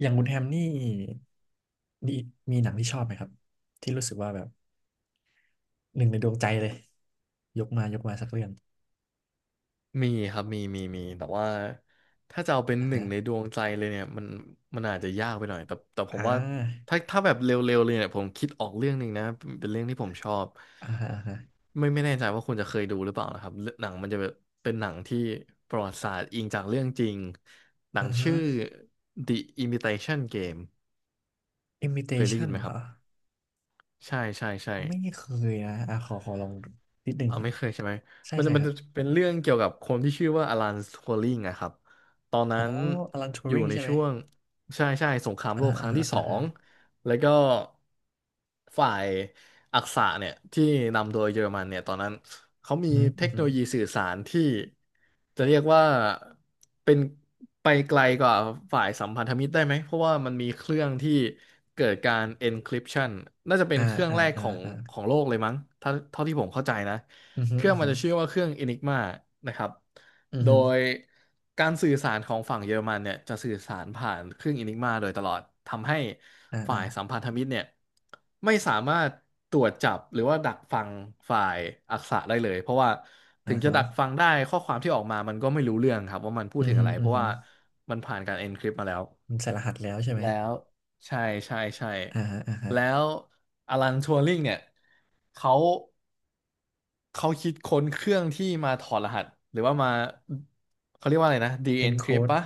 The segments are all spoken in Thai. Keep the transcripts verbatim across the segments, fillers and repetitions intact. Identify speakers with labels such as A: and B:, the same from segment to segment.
A: อย่างคุณแฮมนี่ดีมีหนังที่ชอบไหมครับที่รู้สึกว่าแบบหนึ่งในดวงใจเลยยกมายกมาสักเรื่อง
B: มีครับมีมีมีแต่ว่าถ้าจะเอาเป็น
A: อ่า
B: หนึ่ง
A: ฮะ
B: ในดวงใจเลยเนี่ยมันมันอาจจะยากไปหน่อยแต่แต่ผม
A: อ่
B: ว่า
A: า
B: ถ้าถ้าแบบเร็วๆเลยเนี่ยผมคิดออกเรื่องหนึ่งนะเป็นเรื่องที่ผมชอบ
A: อ่าฮะอ่าฮะ
B: ไม่ไม่แน่ใจว่าคุณจะเคยดูหรือเปล่านะครับเรื่องหนังมันจะแบบเป็นหนังที่ประวัติศาสตร์อิงจากเรื่องจริงหนั
A: อ่า
B: ง
A: ฮะ
B: ชื่อ The Imitation Game เคยได้ยิ
A: Imitation
B: นไหม
A: เห
B: ค
A: ร
B: รับ
A: อ
B: ใช่ใช่ใช่
A: อ๋อไม่เคยนะอ่าขอขอลองนิดนึง
B: เอา
A: ก่อน
B: ไม่เคยใช่ไหม
A: ใช่
B: มันจะ
A: ใช่
B: มั
A: ค
B: น
A: รั
B: จะ
A: บ
B: เป็นเรื่องเกี่ยวกับคนที่ชื่อว่าอลันทัวริงอะครับ ตอน
A: อ๋
B: นั้
A: อ
B: น
A: อลันทู
B: อยู่
A: ริง
B: ใน
A: ใช่ไหม
B: ช่วงใช่ใช่สงคราม
A: อ่า
B: โลกค
A: อ่า
B: รั้งที่ส
A: อ่า
B: อ
A: ฮะ
B: งแล้วก็ฝ่ายอักษะเนี่ยที่นำโดยเยอรมันเนี่ยตอนนั้นเขามี
A: อืม
B: เท
A: อื
B: ค
A: ม
B: โนโลยีสื่อสารที่จะเรียกว่าเป็นไปไกลกว่าฝ่ายสัมพันธมิตรได้ไหม เพราะว่ามันมีเครื่องที่เกิดการ encryption น่าจะเป็น
A: อ่า
B: เครื่อง
A: อ่า
B: แรก
A: อ่า
B: ของ
A: อ่า
B: ของโลกเลยมั้งถ้าเท่าที่ผมเข้าใจนะ
A: อืมอื
B: เค
A: ม
B: รื่องมั
A: อื
B: นจะชื่อว่าเครื่อง Enigma นะครับโด
A: ม
B: ยการสื่อสารของฝั่งเยอรมันเนี่ยจะสื่อสารผ่านเครื่อง Enigma โดยตลอด ทำให้
A: อ่า
B: ฝ่า
A: อ่า
B: ยสัมพันธมิตรเนี่ยไม่สามารถตรวจจับหรือว่าดักฟังฝ่ายอักษะได้เลย เพราะว่า
A: อ่า
B: ถึงจะ
A: ฮะ
B: ดักฟังได้ข้อความที่ออกมามันก็ไม่รู้เรื่องครับว่ามันพู
A: อื
B: ด
A: ม
B: ถึง
A: อื
B: อะ
A: ม
B: ไรเพราะ
A: อืม
B: ว่ามันผ่านการ encrypt มาแล้ว
A: มันใส่รหัสแล้วใช่ไหม
B: แล้วใช่ใช่ใช่
A: อ่าฮะอ่าฮะ
B: แล้วอลันทัวริงเนี่ยเขา เขาคิดค้นเครื่องที่มาถอดรหัสหรือว่ามาเขาเรียกว่าอะไรนะ de-encrypt
A: encode
B: ปะ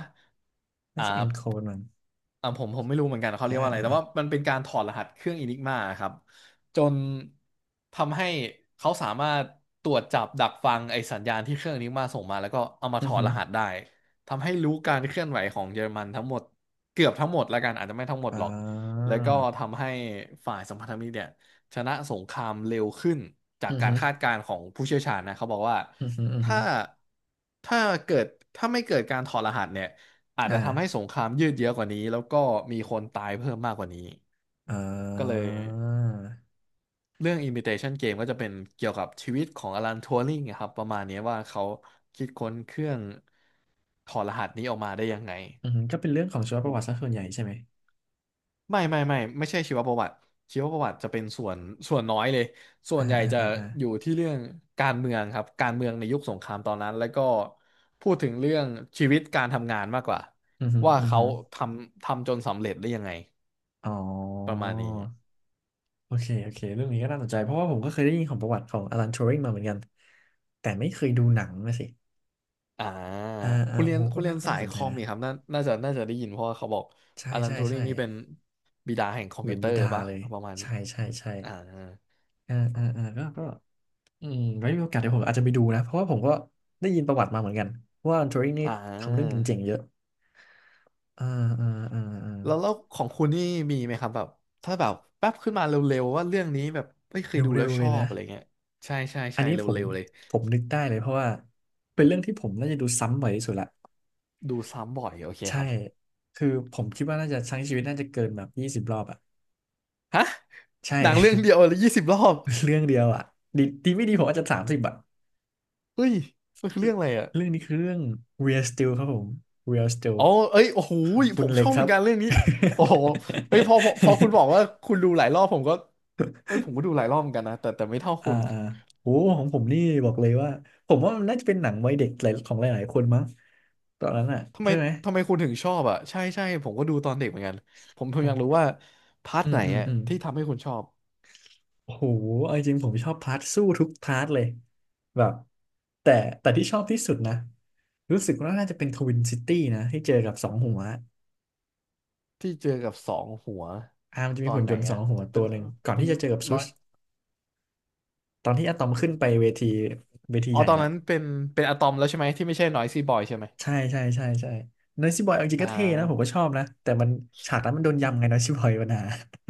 A: น่า
B: อ่
A: จะ
B: า
A: encode มั้ง
B: อ่าผมผมไม่รู้เหมือนกันเขาเรี
A: อ่า
B: ยกว่าอะไร
A: อ่า
B: แต่ว่ามันเป็นการถอดรหัสเครื่อง Enigma ครับจนทำให้เขาสามารถตรวจจับดักฟังไอสัญญาณที่เครื่อง Enigma ส่งมาแล้วก็เอามา
A: อื
B: ถ
A: อ
B: อด
A: หือ
B: รหัสได้ทำให้รู้การเคลื่อนไหวของเยอรมันทั้งหมดเกือบทั้งหมดแล้วกันอาจจะไม่ทั้งหมด
A: อ่
B: หรอก
A: า
B: แล้วก็ทำให้ฝ่ายสัมพันธมิตรเนี่ยชนะสงครามเร็วขึ้นจา
A: อื
B: ก
A: อ
B: กา
A: หื
B: ร
A: อ
B: คาดการณ์ของผู้เชี่ยวชาญนะเขาบอกว่า
A: อือหืออือหื
B: ถ้า
A: อ
B: ถ้าเกิดถ้าไม่เกิดการถอดรหัสเนี่ย อาจจะทำให้
A: อ่า
B: สงครามยืดเยื้อกว่านี้แล้วก็มีคนตายเพิ่มมากกว่านี้
A: อ่
B: ก็เลย
A: า
B: เรื่อง Imitation Game ก็จะเป็นเกี่ยวกับชีวิตของอลันทัวริงครับประมาณนี้ว่าเขาคิดค้นเครื่องถอดรหัสนี้ออกมาได้ยังไง
A: อือหือก็เป็นเรื่องของชีวประวัติซะส่วนใหญ่ใช่ไหม
B: ไม่ไม่ไม่ไม่ใช่ชีวประวัติชีวประวัติจะเป็นส่วนส่วนน้อยเลยส่ว
A: อ่า
B: นใหญ่
A: อ่า
B: จะ
A: อ่าอ่า
B: อยู่ที่เรื่องการเมืองครับการเมืองในยุคสงครามตอนนั้นแล้วก็พูดถึงเรื่องชีวิตการทำงานมากกว่า
A: อือหือ
B: ว่า
A: อือ
B: เขา
A: หือ
B: ทำทำจนสำเร็จได้ยังไง
A: อ๋อ
B: ประมาณนี้
A: โอเคโอเคเรื่องนี้ก็น่าสนใจเพราะว่าผมก็เคยได้ยินของประวัติของอลันทูริงมาเหมือนกันแต่ไม่เคยดูหนังนะสิ
B: อ่า
A: อ่าอ่า
B: คุณเรี
A: โอ้
B: ยน
A: โห
B: คุ
A: ก็
B: ณเรี
A: น่า
B: ยน
A: ก็
B: สา
A: น่า
B: ย
A: สน
B: ค
A: ใจ
B: อม
A: นะ
B: นี่ครับน่าน่าจะน่าจะได้ยินเพราะว่าเขาบอก
A: ใช่
B: อลัน
A: ใช่
B: ทูริ
A: ใช่
B: งนี่เป็นบิดาแห่งคอม
A: เหมื
B: พิ
A: อ
B: ว
A: น
B: เตอ
A: บิ
B: ร์
A: ดา
B: ปะ
A: เลย
B: เอาประมาณนี้
A: ใช่ใช่ใช่
B: อ่า
A: อ่าอ่าอ่าก็ก็ อืมไว้มีโอกาสเดี๋ยวผมอาจจะไปดูนะเพราะว่าผมก็ได้ยินประวัติมาเหมือนกันว่าทัวริงนี่
B: อ่
A: ทำเรื่อง
B: า
A: เจ๋งๆเยอะอ่าอ่าอ่าอ่า
B: แล้วแล้วของคุณนี่มีไหมครับแบบถ้าแบบแป๊บขึ้นมาเร็วๆว่าเรื่องนี้แบบไม่เค
A: เ
B: ยดู
A: ร็
B: แล้ว
A: วๆ
B: ช
A: เล
B: อ
A: ย
B: บ
A: นะ
B: อะไรเงี้ยใช่ใช่
A: อัน
B: ใช่
A: นี้
B: เร
A: ผม
B: ็วๆเลย
A: ผมนึกได้เลยเพราะว่าเป็นเรื่องที่ผมน่าจะดูซ้ำบ่อยที่สุดละ
B: ดูซ้ำบ่อยโอเค
A: ใช่
B: ครับ
A: คือผมคิดว่าน่าจะทั้งชีวิตน่าจะเกินแบบยี่สิบรอบอ่ะ
B: ฮะ
A: ใช่
B: หนังเรื่องเดียวเลยยี่สิบรอบ
A: เรื่องเดียวอ่ะดีดีไม่ดีผมอาจจะสามสิบอ่ะ
B: เฮ้ยมันคือเรื่องอะไรอ่ะ
A: เรื่องนี้คือเรื่อง Real Steel ครับผม Real Steel
B: อ๋อเอ้ยโอ้โห
A: คุ
B: ผ
A: ณ
B: ม
A: เล็
B: ช
A: ก
B: อบ
A: ค
B: เหมื
A: รั
B: อน
A: บ
B: กันเรื่องนี้โอ้โหเอ้ยพอพอพอคุณบอกว่า คุณดูหลายรอบผมก็ เอ้ยผมก็ดูหลายรอบเหมือนกันนะแต่แต่ไม่เท่า
A: อ่า
B: คุณ
A: อ่าโอ้ของผมนี่บอกเลยว่าผมว่ามันน่าจะเป็นหนังวัยเด็กหลายของหลายๆคนมั้งตอนนั้นอ่ะ
B: ทำไม
A: ใช่ไหม
B: ทำไมคุณถึงชอบอ่ะใช่ใช่ผมก็ดูตอนเด็กเหมือนกันผมผ
A: ผ
B: มอยากรู้
A: ม
B: ว่าพาร์ท
A: อื
B: ไห
A: ม
B: น
A: อืม
B: อ่ะ
A: อืม
B: ที่ทำให้คุณชอบ
A: โอ้โหเอาจริงๆผมชอบพาร์ทสู้ทุกพาร์ทเลยแบบแต่แต่ที่ชอบที่สุดนะรู้สึกว่าน่าจะเป็นทวินซิตี้นะที่เจอกับสองหัว
B: ที่เจอกับสองหัว
A: อ่ามันจะ
B: ต
A: มี
B: อน
A: หุ่น
B: ไหน
A: ยนต์สอ
B: อ่ะ
A: งหัวตั
B: เป็น
A: วหนึ่งก่อน
B: เป็น
A: ที่จะเจอกับซุ
B: น้อ
A: ส
B: ย
A: ตอนที่อะตอมขึ้นไปเวทีเวที
B: อ๋อ
A: ใหญ่
B: ตอน
A: แล้ว
B: นั้นเป็นเป็นอะตอมแล้วใช่ไหมที่ไม่ใช่นอยซี่บอยใช่ไหม
A: ใช่ใช่ใช่ใช่นอยซี่บอยเอาจริงก็
B: อ่า
A: เท่นะผมก็ชอบนะแต่มันฉากนั้นมันโดนยำไงนอยซี่บอยปัญหา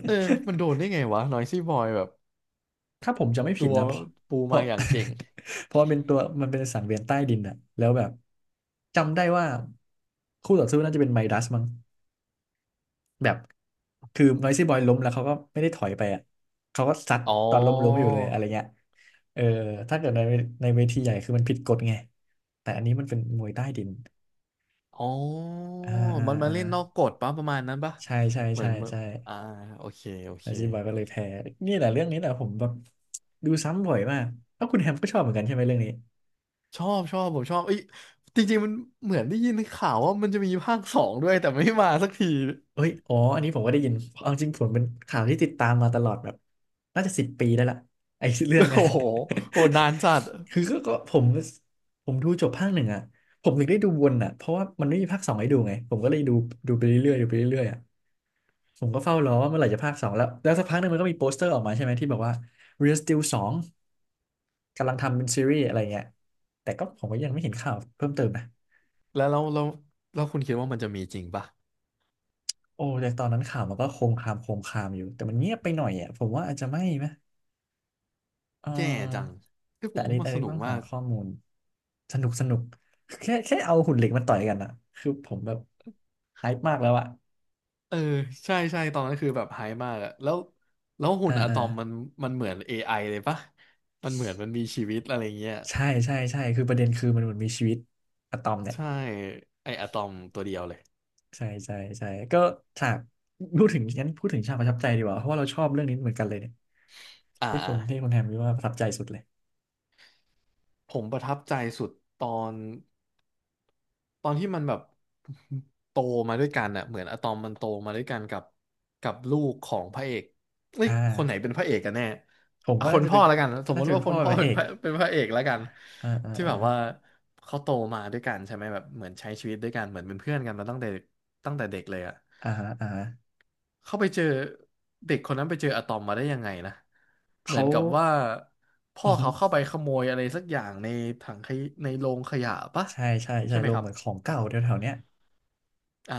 B: เออมันโดนได้ไงวะนอยซี่บอยแบบ
A: ถ้าผมจะไม่ผิ
B: ตั
A: ด
B: ว
A: นะเพราะ
B: ปู
A: เพ
B: มา
A: ราะ
B: อย่างเก่ง
A: เพราะมันเป็นตัวมันเป็นสังเวียนใต้ดินอะแล้วแบบจำได้ว่าคู่ต่อสู้น่าจะเป็นไมดัสมั้งแบบคือนอยซี่บอยล้มแล้วเขาก็ไม่ได้ถอยไปอะเขาก็ซัด
B: อ๋อ
A: ตอนล้มล้มอยู่เลยอะไรเงี้ยเออถ้าเกิดในในเวทีใหญ่คือมันผิดกฎไงแต่อันนี้มันเป็นมวยใต้ดิน
B: อ๋อ
A: อ่าอ่า
B: มันมา
A: อ่า
B: เล่นนอกกฎปะประมาณนั้นปะ
A: ใช่ใช่
B: เหมือ
A: ใช่
B: นเมื่อ
A: ใช่
B: อ่าโอเคโอเค
A: อาชีพบอยก็เลยแพ้นี่แหละเรื่องนี้แหละผมแบบดูซ้ำบ่อยมากเอ้าคุณแฮมก็ชอบเหมือนกันใช่ไหมเรื่องนี้
B: ชอบชอบผมชอบเอ้ยจริงๆมันเหมือนได้ยินข่าวว่ามันจะมีภาคสองด้วยแต่ไม่มาสักที
A: เอ้ยอ๋ออันนี้ผมก็ได้ยินเอาจริงผมเป็นข่าวที่ติดตามมาตลอดแบบน่าจะสิบปีได้ละไอ้เรื่อง เนี้ย
B: โอ้โหโหนานจัด
A: คือก็ก็ผมผมดูจบภาคหนึ่งอ่ะผมถึงได้ดูวนอ่ะเพราะว่ามันไม่มีภาคสองให้ดูไงผมก็เลยดูดูไปเรื่อยๆดูไปเรื่อยๆอ่ะผมก็เฝ้ารอว่าเมื่อไหร่จะภาคสองแล้วแล้วสักพักหนึงมันก็มีโปสเตอร์ออกมาใช่ไหมที่บอกว่า Real Steel สอง กำลังทำเป็นซีรีส์อะไรเงี้ยแต่ก็ผมก็ยังไม่เห็นข่าวเพิ่มเติมนะ
B: แล้วแราเรล้วแล้วคุณคิดว่ามันจะมีจริงปะ
A: โอ้แต่ตอนนั้นข่าวมันก็โคมคามโคมคามอยู่ แต่มันเงียบไปหน่อยอ่ะผมว่าอาจจะไม่ไหมเอ
B: แย่จัง
A: อ
B: เอผ
A: แต่
B: ม
A: อัน
B: ว่า
A: นี้
B: มั
A: อั
B: น
A: น
B: ส
A: นี้
B: นุก
A: ต้อง
B: มา
A: หา
B: ก
A: ข้อมูล สนุกสนุกแค่แค่เอาหุ่นเหล็กมาต่อยกันอ่ะคือผมแบบไฮป์มากแล้วอ่ะ
B: เออใช่ใช่ตอนนั้นคือแบบไฮป์มากอะแล้วแล้วหุ่
A: อ่า
B: นอะต
A: อ่า
B: อมมันมันเหมือน เอ ไอ เลยปะมันเหมือนมันมีชีวิตอะไรเงี้ย
A: ใช่ใช่ใช่คือประเด็นคือมันเหมือนมีชีวิตอะตอมเนี่ย
B: ใช่ไออะตอมตัวเดียวเลย
A: ใช่ใช่ใช่ก็ฉากพูดถึงงั้นพูดถึงฉากประทับใจดีกว่าเพราะว่าเราชอบเรื่องนี้เหมือนกันเลยเนี่ย
B: อ่า
A: ที่ค
B: อ่า
A: นที่คนแฮมคิดว่าประทับใจสุดเลย
B: ผมประทับใจสุดตอน ตอนที่มันแบบ โตมาด้วยกันอะเหมือนอะตอมมันโตมาด้วยกันกับกับลูกของพระเอกเอ้ย
A: อ่า
B: คนไหนเป็นพระเอกกันแน่
A: ผม
B: อ่ะ
A: ว่า
B: ค
A: น่า
B: น
A: จะ
B: พ่
A: เป็
B: อ
A: น
B: แล้วกันสม
A: น่า
B: ม
A: จะ
B: ติ
A: เป็
B: ว่า
A: น
B: ค
A: พ่อ
B: น
A: เป็น
B: พ่อ
A: พระเอ
B: เป็น
A: ก
B: พระ เป็นพระเอกแล้วกัน
A: อ่าอ่า
B: ที่แบบว่าเขาโตมาด้วยกันใช่ไหมแบบเหมือนใช้ชีวิตด้วยกันเหมือนเป็นเพื่อนกันมาตั้งแต่ตั้งแต่เด็กเลยอะ
A: อ่าอ่าอ่า
B: เขาไปเจอเด็กคนนั้นไปเจออะตอมมาได้ยังไงนะเห
A: เขา
B: มือนกับว่าพ่
A: อื
B: อ
A: อฮึ
B: เขาเข้าไปขโมยอะไรสักอย่างในถังขยในโรงขยะปะ
A: ใช่ใช่ใช่
B: ใช่ไหม
A: ลง
B: ครั
A: เห
B: บ
A: มือนของเก่าแถวๆเนี้ย
B: อ่า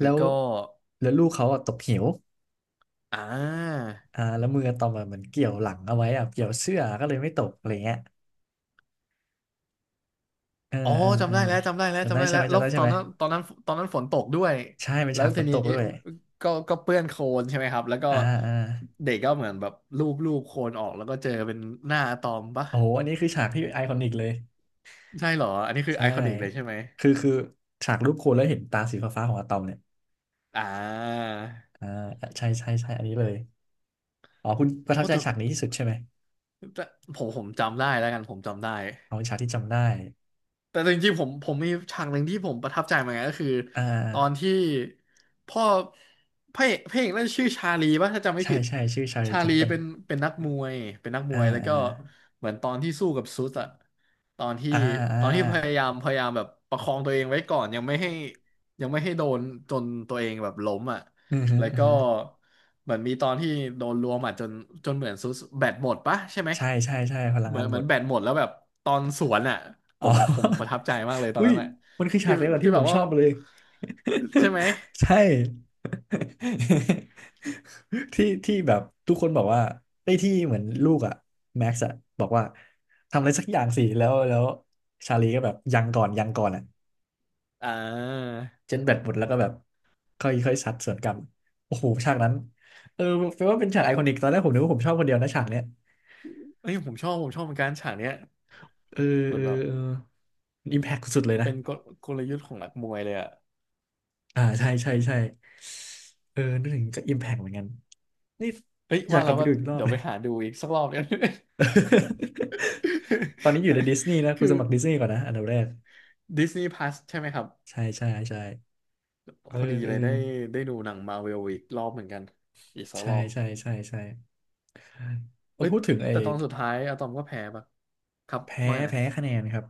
A: แล้
B: แล้ว
A: ว
B: ก็
A: แล้วลูกเขาอะตกเหว
B: อ่า
A: อ่าแล้วมืออะตอมอะเหมือนเกี่ยวหลังเอาไว้อะเกี่ยวเสื้อก็เลยไม่ตกอะไรเงี้ยเออ
B: อ๋อ
A: เออเอ
B: จำ
A: อ
B: ได้แล้วจำได้แล้ว
A: จำ
B: จำ
A: ได้
B: ได้
A: ใช่
B: แล้
A: ไหม
B: วแล้
A: จำ
B: ว
A: ได้
B: ต
A: ใช่
B: อน
A: ไหม
B: นั้นตอนนั้นตอนนั้นฝนตกด้วย
A: ใช่เป็น
B: แล้ว
A: ฉากฝ
B: ที
A: นต
B: นี้
A: กด้วย
B: ก็ก็เปื้อนโคลนใช่ไหมครับ แล้วก็
A: อ่าอ่า
B: เด็กก็เหมือนแบบลูบลูบโคลนออกแล้วก็เจอเป็นหน้าอะตอมปะ
A: โอ้โหอันนี้คือฉากที่ไอคอนิกเลย
B: ใช่เหรออันนี้คือ
A: ใช่
B: ไอคอนิกเลยใช่ไหม
A: คือคือฉากรูปโคนแล้วเห็นตาสีฟ้าๆของอะตอมเนี่ย
B: อ่า
A: อ่าใช่ใช่ใช่อันนี้เลย อ๋อคุณประทับ
B: โอ้
A: ใจ
B: แต่
A: ฉากนี้ที่สุดใช่ไหม
B: แต่ผมผมจำได้แล้วกันผมจำได้
A: เอาฉากที่จำได้
B: แต่จริงๆผมผมมีฉากหนึ่งที่ผมประทับใจเหมือนกันก็คือ
A: อ่า
B: ตอนที่พ่อพระเอกพระเอกน่นชื่อชาลีป่ะถ้าจำไม่
A: ใช่
B: ผิด
A: ใช่ชื่อชาลี
B: ชา
A: แคน
B: ลี
A: ตัน
B: เป็นเป็นนักมวยเป็นนักม
A: อ่
B: วยแล้วก็
A: า
B: เหมือนตอนที่สู้กับซุสอะตอนที่
A: อ่าอ่า
B: ตอนที่พยายามพยายามแบบประคองตัวเองไว้ก่อนยังไม่ให้ยังไม่ให้โดนจนตัวเองแบบล้มอะ
A: อือฮึ
B: แล้ว
A: อือ
B: ก็
A: ฮึ
B: เหมือนมีตอนที่โดนรวมอ่ะจนจนเหมือนซุสแบตหมดปะใช่ไหม
A: ใช่ใช่ใช่พลัง
B: เหมือ
A: งา
B: น
A: น
B: เห
A: หม
B: มือน
A: ด
B: แบตหมดแล้วแบบตอนสวนอ่ะผ
A: อ๋อ
B: มผมประทับใจมากเลยต อน
A: อุ้ย
B: นั้นอ่ะ
A: มันคือฉา
B: ที่
A: กเดียวกับ
B: ที่
A: ที่ผ
B: แบบ
A: มช
B: ว่า
A: อบเลย
B: ใช่ไหม
A: ใช่ ที่ที่แบบทุกคนบอกว่าไอ้ยที่เหมือนลูกอะแม็กซ์อะบอกว่าทำอะไรสักอย่างสิแล้วแล้วชาลีก็แบบยังก่อนยังก่อนอะ
B: อ่า
A: เจ็ตแบตหมดแล้วก็แบบค่อยค่อยซัดสวนกลับโอ้โหฉากนั้นเออแปลว่าเป็นฉากไอคอนิกตอนแรกผมนึกว่าผมชอบคนเดียวนะฉากเนี้ย
B: เอ้ยผมชอบผมชอบเหมือนกันฉากเนี้ย
A: เออ
B: เหมื
A: เอ
B: อน
A: อ
B: แบบ
A: เอออิมแพคสุดๆเลยนะ
B: เป็นกลกลยุทธ์ของนักมวยเลยอ่ะ
A: อ่าใช่ใช่ใช่เออนึกถึงก็อิมแพคเหมือนกันนี่
B: เฮ้ย
A: อยา
B: ว่า
A: กกลั
B: แล้
A: บ
B: ว
A: ไป
B: ว่า
A: ดู
B: ก็
A: อีกรอบ
B: เดี๋ยว
A: เล
B: ไป
A: ย
B: หาดูอีกสักรอบเนี่ย
A: ตอนนี้อยู่ในดิสนีย์นะ คุ
B: คื
A: ณ
B: อ
A: สมัครดิสนีย์ก่อนนะอันดับแรก
B: ดิสนีย์ พลัส ใช่ไหมครับ
A: ใช่ใช่ใช่เออ
B: พอดี
A: เออ
B: เลยได้ได้ดูหนังมาเวลอีกรอบเหมือนกันอีกสัก
A: ใช่
B: รอบ
A: ใช่ใช่ใช่เอา
B: เอ้ย
A: พูดถึงไอ้
B: แต่ตอนสุดท้ายอะตอมก็แพ้ปะครับ
A: แพ้
B: ไม่าไงนะ
A: แพ้คะแนนครับ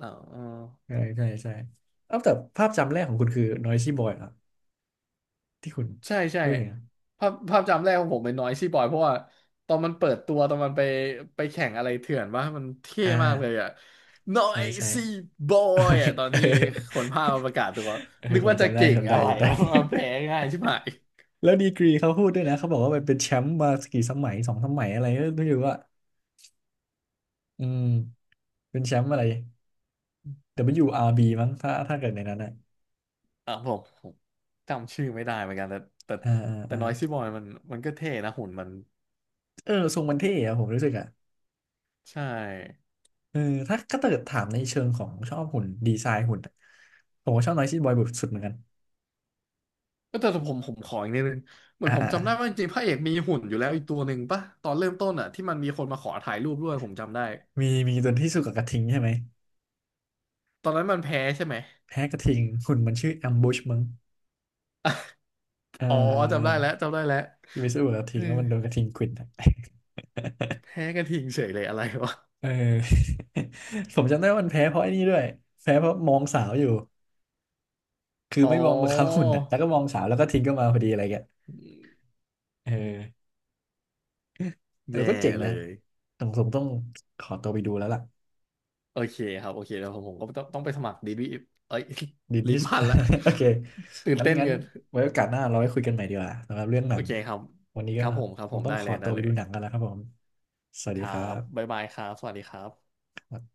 B: อ๋อ
A: ใช่ใช่ใช่เอ้าแต่ภาพจำแรกของคุณคือ Noisy Boy เหรอที่คุณ
B: ใช่ใช่
A: เฮ้ยอเนะ
B: ภาพภาพจำแรกของผมเป็นน้อยซี่บอยเพราะว่าตอนมันเปิดตัวตอนมันไปไปแข่งอะไรเถื่อนว่ามันเท่
A: อ่
B: มากเลย
A: า
B: อะน้อ
A: ใช่
B: ย
A: ใช่
B: ซี่บอยอะตอน
A: เออ
B: ที่คนภาคมาประกาศตัว
A: เออ
B: นึก
A: คง
B: ว่าจะ
A: จำได้
B: เก่ง
A: จำได้
B: อะไร
A: จำได้
B: วะมันแพ้ง่า ยใช่ไหม
A: แล้วดีกรีเขาพูดด้วยนะเขาบอกว่ามันเป็นแชมป์มากี่สมัยสองสมัยอะไรก็ไม่รู้ว่าอืมเป็นแชมป์อะไร ดับเบิลยู อาร์ บี มั้งถ้าถ้าเกิดในนั้นอะ
B: อ่ะผมผมจำชื่อไม่ได้เหมือนกันแต่แต่
A: อ่าอ่า
B: แต่
A: อ่า
B: น้อยซี่บอยมันมันก็เท่นะหุ่นมัน
A: เออทรงมันเท่อะผมรู้สึกอะ
B: ใช่
A: เออถ้าถ้าเกิดถามในเชิงของชอบหุ่นดีไซน์หุ่นอะผมก็ชอบ Noisy Boy สุดเหมือนกัน
B: ก็แต่ผมผมขออีกนิดนึงเหมือ
A: อ่า
B: นผม
A: อ่า
B: จำได้ว่าจริงๆพระเอกมีหุ่นอยู่แล้วอีกตัวหนึ่งป่ะตอนเริ่มต้นอ่ะที่มันมีคนมาขอถ่ายรูปด้วยผมจำได้
A: มีมีตัวที่สู้กับกระทิงใช่ไหม
B: ตอนนั้นมันแพ้ใช่ไหม
A: แพ้กระทิงหุ่นมันชื่อแอมบูชมั้งเออ
B: อ๋อ
A: เอ
B: จำได้แล้ว
A: อ
B: จำได้แล้ว
A: ที่ไปสู้กับกระ
B: เอ
A: ทิง
B: อ
A: แล้วมันโดนกระทิงขวิด อะ
B: แพ้กระทิงเฉยเลยอะไรวะ
A: เออ ผมจำได้ว่ามันแพ้เพราะไอ้นี่ด้วยแพ้เพราะมองสาวอยู่คือ
B: อ๋อ
A: ไม่มองมาเขาหุ่นอ่ะแล้วก็มองสาวแล้วก็ทิ้งก็มาพอดีอะไรเงี้ยเออเออ
B: แย่
A: ก็เจ๋ง
B: เล
A: นะ
B: ย
A: ต้องผมต้องขอตัวไปดูแล้วล่ะ
B: โอเคครับโอเคแล้วผมผมก็ต้องต้องไปสมัครดีบีเอ้ย
A: ดิน
B: ลิ้
A: ที่
B: น
A: สุด
B: พันละ
A: โอเค
B: ตื่น
A: งั้น
B: เต้น
A: งั้น
B: เกิน
A: ไว้โอกาสหน้าเราไว้คุยกันใหม่ดีกว่าสำหรับเรื่องหนั
B: โอ
A: ง
B: เคครับ
A: วันนี้
B: ค
A: ก็
B: รับผมครับ
A: ค
B: ผ
A: ง
B: ม
A: ต้อง
B: ได้
A: ข
B: เล
A: อ
B: ย
A: ตั
B: ได้
A: วไป
B: เล
A: ดู
B: ย
A: หนังกันแล้วครับผมสวัส
B: ค
A: ดี
B: รั
A: ครั
B: บบ๊า
A: บ
B: ยบายครับสวัสดีครับ
A: ครับ